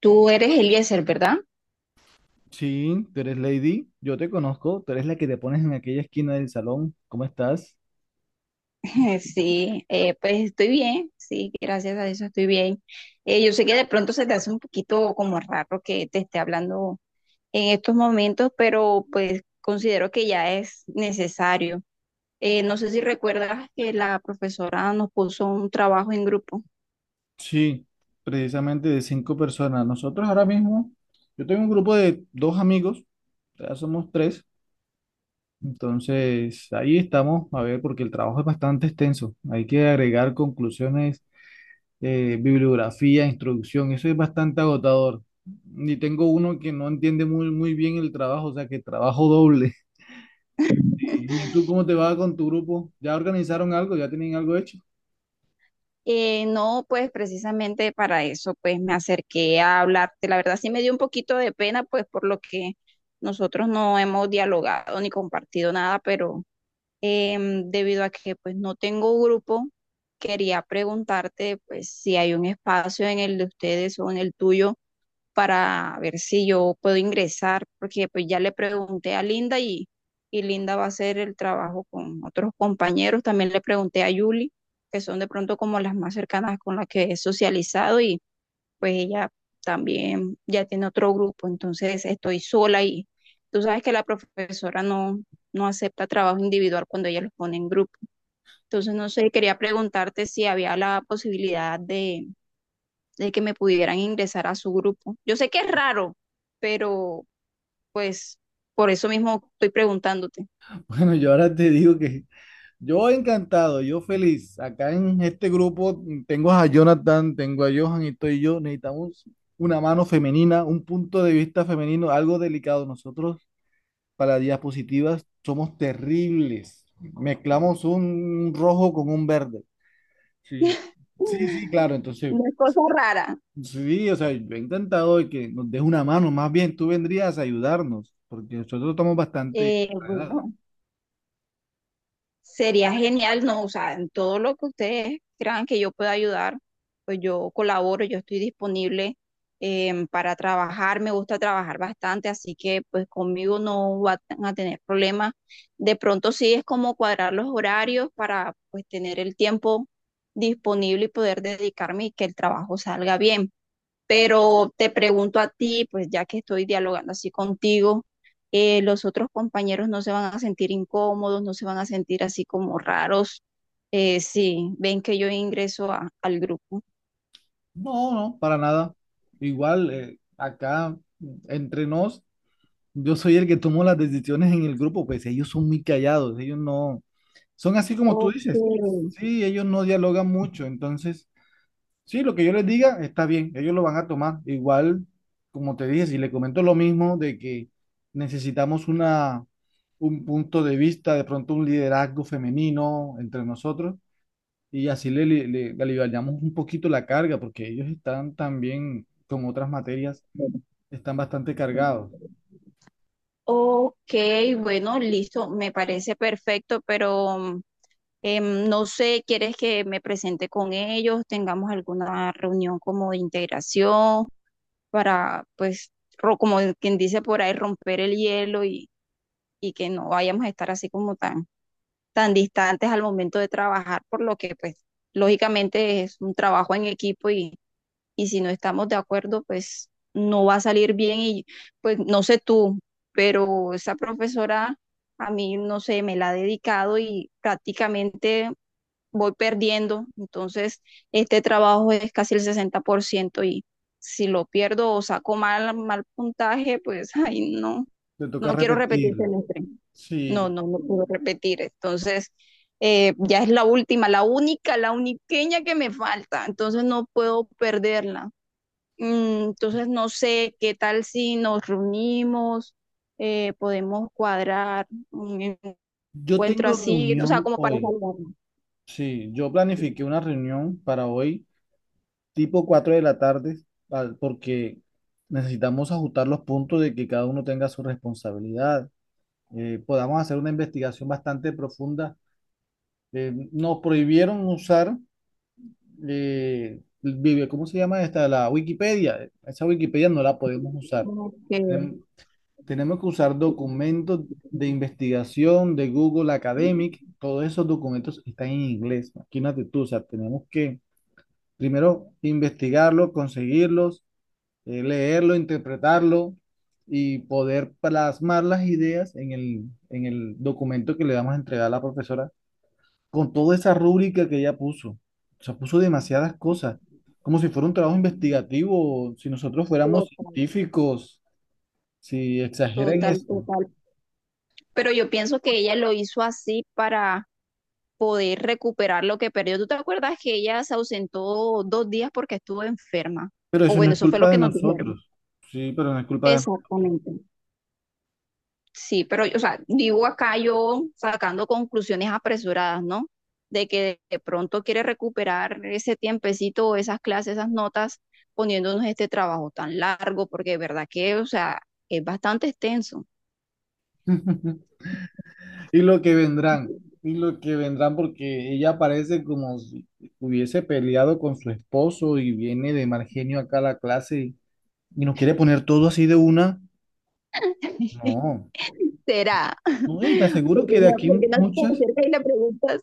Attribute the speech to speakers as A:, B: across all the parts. A: Tú eres Eliezer, ¿verdad?
B: Sí, tú eres Lady, yo te conozco, tú eres la que te pones en aquella esquina del salón. ¿Cómo estás?
A: Sí, pues estoy bien, sí, gracias a eso estoy bien. Yo sé que de pronto se te hace un poquito como raro que te esté hablando en estos momentos, pero pues considero que ya es necesario. No sé si recuerdas que la profesora nos puso un trabajo en grupo.
B: Sí, precisamente de cinco personas. Nosotros ahora mismo, yo tengo un grupo de dos amigos, ya somos tres, entonces ahí estamos, a ver, porque el trabajo es bastante extenso. Hay que agregar conclusiones, bibliografía, introducción, eso es bastante agotador. Y tengo uno que no entiende muy bien el trabajo, o sea que trabajo doble. ¿Y tú cómo te va con tu grupo? ¿Ya organizaron algo? ¿Ya tienen algo hecho?
A: No, pues precisamente para eso, pues me acerqué a hablarte. La verdad sí me dio un poquito de pena, pues por lo que nosotros no hemos dialogado ni compartido nada, pero debido a que pues no tengo grupo, quería preguntarte pues si hay un espacio en el de ustedes o en el tuyo para ver si yo puedo ingresar, porque pues ya le pregunté a Linda y Linda va a hacer el trabajo con otros compañeros. También le pregunté a Yuli, que son de pronto como las más cercanas con las que he socializado, pues ella también ya tiene otro grupo. Entonces estoy sola y tú sabes que la profesora no, no acepta trabajo individual cuando ella los pone en grupo. Entonces, no sé, quería preguntarte si había la posibilidad de que me pudieran ingresar a su grupo. Yo sé que es raro, pero pues por eso mismo estoy preguntándote.
B: Bueno, yo ahora te digo que yo encantado, yo feliz. Acá en este grupo tengo a Jonathan, tengo a Johan y estoy yo. Necesitamos una mano femenina, un punto de vista femenino, algo delicado. Nosotros para diapositivas somos terribles. Mezclamos un rojo con un verde. Sí. Sí, claro. Entonces,
A: No es cosa rara.
B: sí, o sea, yo he intentado de que nos des una mano, más bien tú vendrías a ayudarnos, porque nosotros estamos bastante
A: Eh,
B: enredados.
A: bueno, sería genial, no, o sea, en todo lo que ustedes crean que yo pueda ayudar, pues yo colaboro, yo estoy disponible, para trabajar, me gusta trabajar bastante, así que pues conmigo no van a tener problemas. De pronto sí es como cuadrar los horarios para pues tener el tiempo disponible y poder dedicarme y que el trabajo salga bien. Pero te pregunto a ti, pues ya que estoy dialogando así contigo, los otros compañeros no se van a sentir incómodos, no se van a sentir así como raros, si ven que yo ingreso al grupo.
B: No, no, para nada. Igual, acá entre nos, yo soy el que tomo las decisiones en el grupo, pues ellos son muy callados, ellos no, son así como tú
A: Ok,
B: dices. Sí, ellos no dialogan mucho, entonces sí, lo que yo les diga está bien, ellos lo van a tomar. Igual, como te dije, si le comento lo mismo de que necesitamos una, un punto de vista, de pronto un liderazgo femenino entre nosotros y así le aliviamos un poquito la carga porque ellos están también, con otras materias, están bastante cargados.
A: ok, bueno, listo, me parece perfecto, pero no sé, ¿quieres que me presente con ellos? ¿Tengamos alguna reunión como de integración? Para, pues, como quien dice por ahí, romper el hielo y, que no vayamos a estar así como tan, tan distantes al momento de trabajar, por lo que, pues, lógicamente es un trabajo en equipo y si no estamos de acuerdo, pues, no va a salir bien y, pues, no sé tú, pero esa profesora a mí, no sé, me la ha dedicado y prácticamente voy perdiendo. Entonces, este trabajo es casi el 60% y si lo pierdo o saco mal puntaje, pues, ay, no,
B: Te toca
A: no quiero repetir
B: repetir.
A: semestre.
B: Sí,
A: No, no, no puedo repetir. Entonces, ya es la última, la única, la uniqueña que me falta. Entonces, no puedo perderla. Entonces, no sé qué tal si nos reunimos, podemos cuadrar un
B: yo
A: encuentro
B: tengo
A: así, o sea,
B: reunión
A: como para
B: hoy.
A: saludarnos.
B: Sí, yo planifiqué una reunión para hoy tipo 4 de la tarde, porque necesitamos ajustar los puntos de que cada uno tenga su responsabilidad. Podamos hacer una investigación bastante profunda. Nos prohibieron usar, el ¿cómo se llama esta? La Wikipedia. Esa Wikipedia no la podemos usar.
A: Ok.
B: Tenem- Tenemos que usar documentos de investigación de Google Academic. Todos esos documentos están en inglés. Imagínate tú, o sea, tenemos que primero investigarlos, conseguirlos, leerlo, interpretarlo y poder plasmar las ideas en en el documento que le vamos a entregar a la profesora con toda esa rúbrica que ella puso. O sea, puso demasiadas cosas, como si fuera un trabajo investigativo, si nosotros fuéramos
A: Total,
B: científicos, si exageran
A: total,
B: esto.
A: total. Pero yo pienso que ella lo hizo así para poder recuperar lo que perdió. ¿Tú te acuerdas que ella se ausentó 2 días porque estuvo enferma?
B: Pero
A: O
B: eso no
A: bueno,
B: es
A: eso fue lo
B: culpa
A: que
B: de
A: nos dijeron.
B: nosotros. Sí, pero no es culpa
A: Exactamente. Sí, pero, o sea, digo acá yo sacando conclusiones apresuradas, ¿no? De que de pronto quiere recuperar ese tiempecito, esas clases, esas notas, poniéndonos este trabajo tan largo, porque de verdad que, o sea, es bastante extenso.
B: de... Y lo que vendrán, y lo que vendrán, porque ella parece como si hubiese peleado con su esposo y viene de mal genio acá a la clase y nos quiere poner todo así de una. No,
A: ¿Será?
B: no, y te aseguro
A: porque
B: que
A: no, porque no te acercas y le preguntas.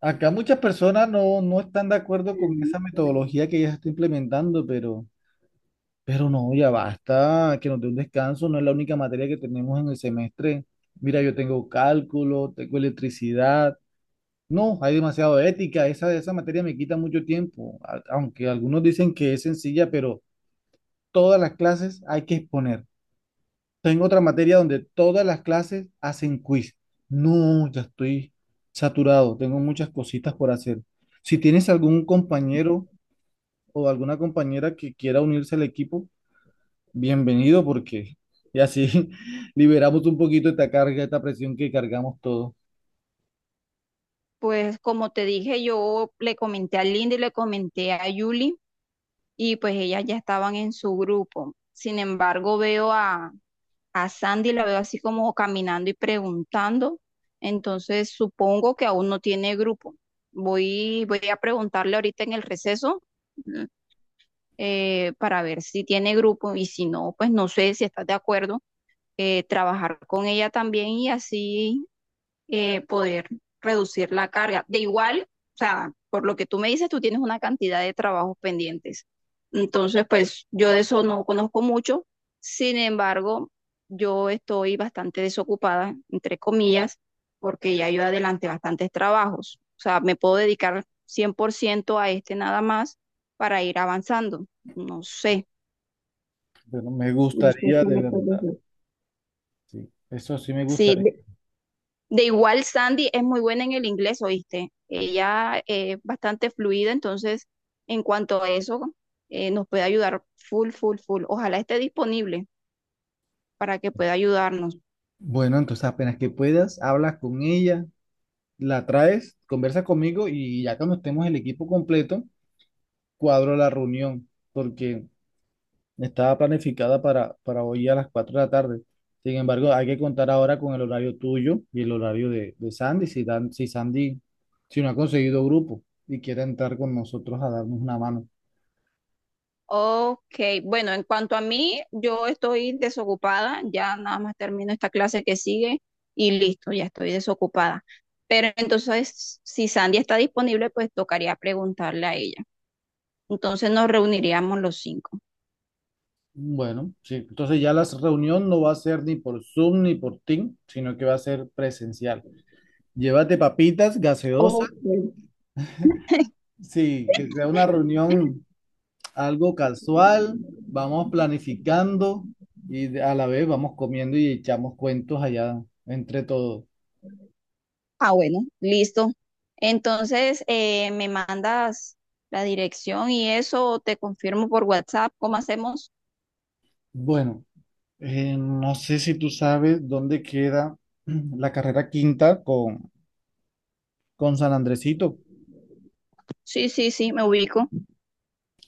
B: acá muchas personas no, no están de acuerdo con esa metodología que ella está implementando, pero no, ya basta, que nos dé un descanso, no es la única materia que tenemos en el semestre. Mira, yo tengo cálculo, tengo electricidad. No, hay demasiado de ética. Esa materia me quita mucho tiempo, aunque algunos dicen que es sencilla, pero todas las clases hay que exponer. Tengo otra materia donde todas las clases hacen quiz. No, ya estoy saturado, tengo muchas cositas por hacer. Si tienes algún compañero o alguna compañera que quiera unirse al equipo, bienvenido porque y así liberamos un poquito esta carga, esta presión que cargamos todos.
A: Pues como te dije, yo le comenté a Linda y le comenté a Yuli y pues ellas ya estaban en su grupo. Sin embargo, veo a Sandy, la veo así como caminando y preguntando. Entonces supongo que aún no tiene grupo. Voy a preguntarle ahorita en el receso, para ver si tiene grupo y si no, pues no sé si estás de acuerdo, trabajar con ella también y así poder reducir la carga. De igual, o sea, por lo que tú me dices, tú tienes una cantidad de trabajos pendientes. Entonces, pues yo de eso no conozco mucho. Sin embargo, yo estoy bastante desocupada, entre comillas, porque ya yo adelante bastantes trabajos. O sea, me puedo dedicar 100% a este nada más para ir avanzando. No sé,
B: Bueno, me
A: no sé
B: gustaría
A: qué
B: de
A: me puedes
B: verdad,
A: decir.
B: sí, eso sí me
A: Sí,
B: gustaría.
A: de igual, Sandy es muy buena en el inglés, ¿oíste? Ella es bastante fluida, entonces, en cuanto a eso, nos puede ayudar full, full, full. Ojalá esté disponible para que pueda ayudarnos.
B: Bueno, entonces apenas que puedas, hablas con ella, la traes, conversas conmigo y ya cuando estemos el equipo completo, cuadro la reunión, porque estaba planificada para hoy a las 4 de la tarde. Sin embargo, hay que contar ahora con el horario tuyo y el horario de Sandy, si, si Sandy, si no ha conseguido grupo y quiere entrar con nosotros a darnos una mano.
A: Ok, bueno, en cuanto a mí, yo estoy desocupada, ya nada más termino esta clase que sigue y listo, ya estoy desocupada. Pero entonces, si Sandy está disponible, pues tocaría preguntarle a ella. Entonces nos reuniríamos los cinco.
B: Bueno, sí, entonces ya la reunión no va a ser ni por Zoom ni por Team, sino que va a ser presencial. Llévate papitas, gaseosas.
A: Ok.
B: Sí, que sea una reunión algo casual, vamos planificando y a la vez vamos comiendo y echamos cuentos allá entre todos.
A: Ah, bueno, listo. Entonces, me mandas la dirección y eso, te confirmo por WhatsApp, ¿cómo hacemos?
B: Bueno, no sé si tú sabes dónde queda la carrera quinta con San Andresito.
A: Sí, sí, sí, me ubico.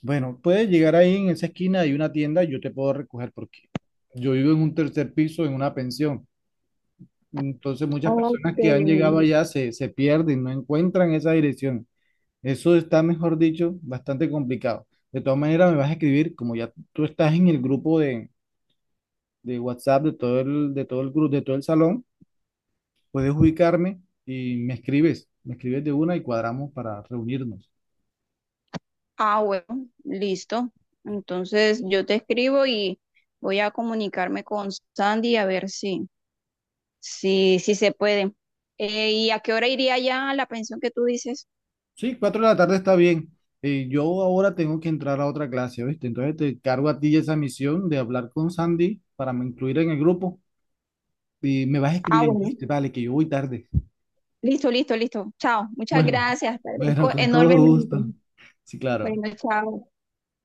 B: Bueno, puedes llegar ahí en esa esquina, hay una tienda, yo te puedo recoger porque yo vivo en un tercer piso en una pensión. Entonces muchas personas que han
A: Ok.
B: llegado allá se pierden, no encuentran esa dirección. Eso está, mejor dicho, bastante complicado. De todas maneras, me vas a escribir, como ya tú estás en el grupo de WhatsApp de todo el grupo, de todo el salón, puedes ubicarme y me escribes de una y cuadramos para reunirnos.
A: Ah, bueno, listo. Entonces, yo te escribo y voy a comunicarme con Sandy a ver si, se puede. ¿Y a qué hora iría ya la pensión que tú dices?
B: Sí, 4 de la tarde está bien. Yo ahora tengo que entrar a otra clase, ¿viste? Entonces te cargo a ti esa misión de hablar con Sandy para me incluir en el grupo y me vas
A: Ah,
B: escribiendo,
A: bueno,
B: ¿viste? Vale, que yo voy tarde.
A: listo, listo, listo. Chao, muchas
B: Bueno,
A: gracias, te
B: bueno,
A: agradezco
B: con todo
A: enormemente.
B: gusto. Sí, claro.
A: Bueno, chao.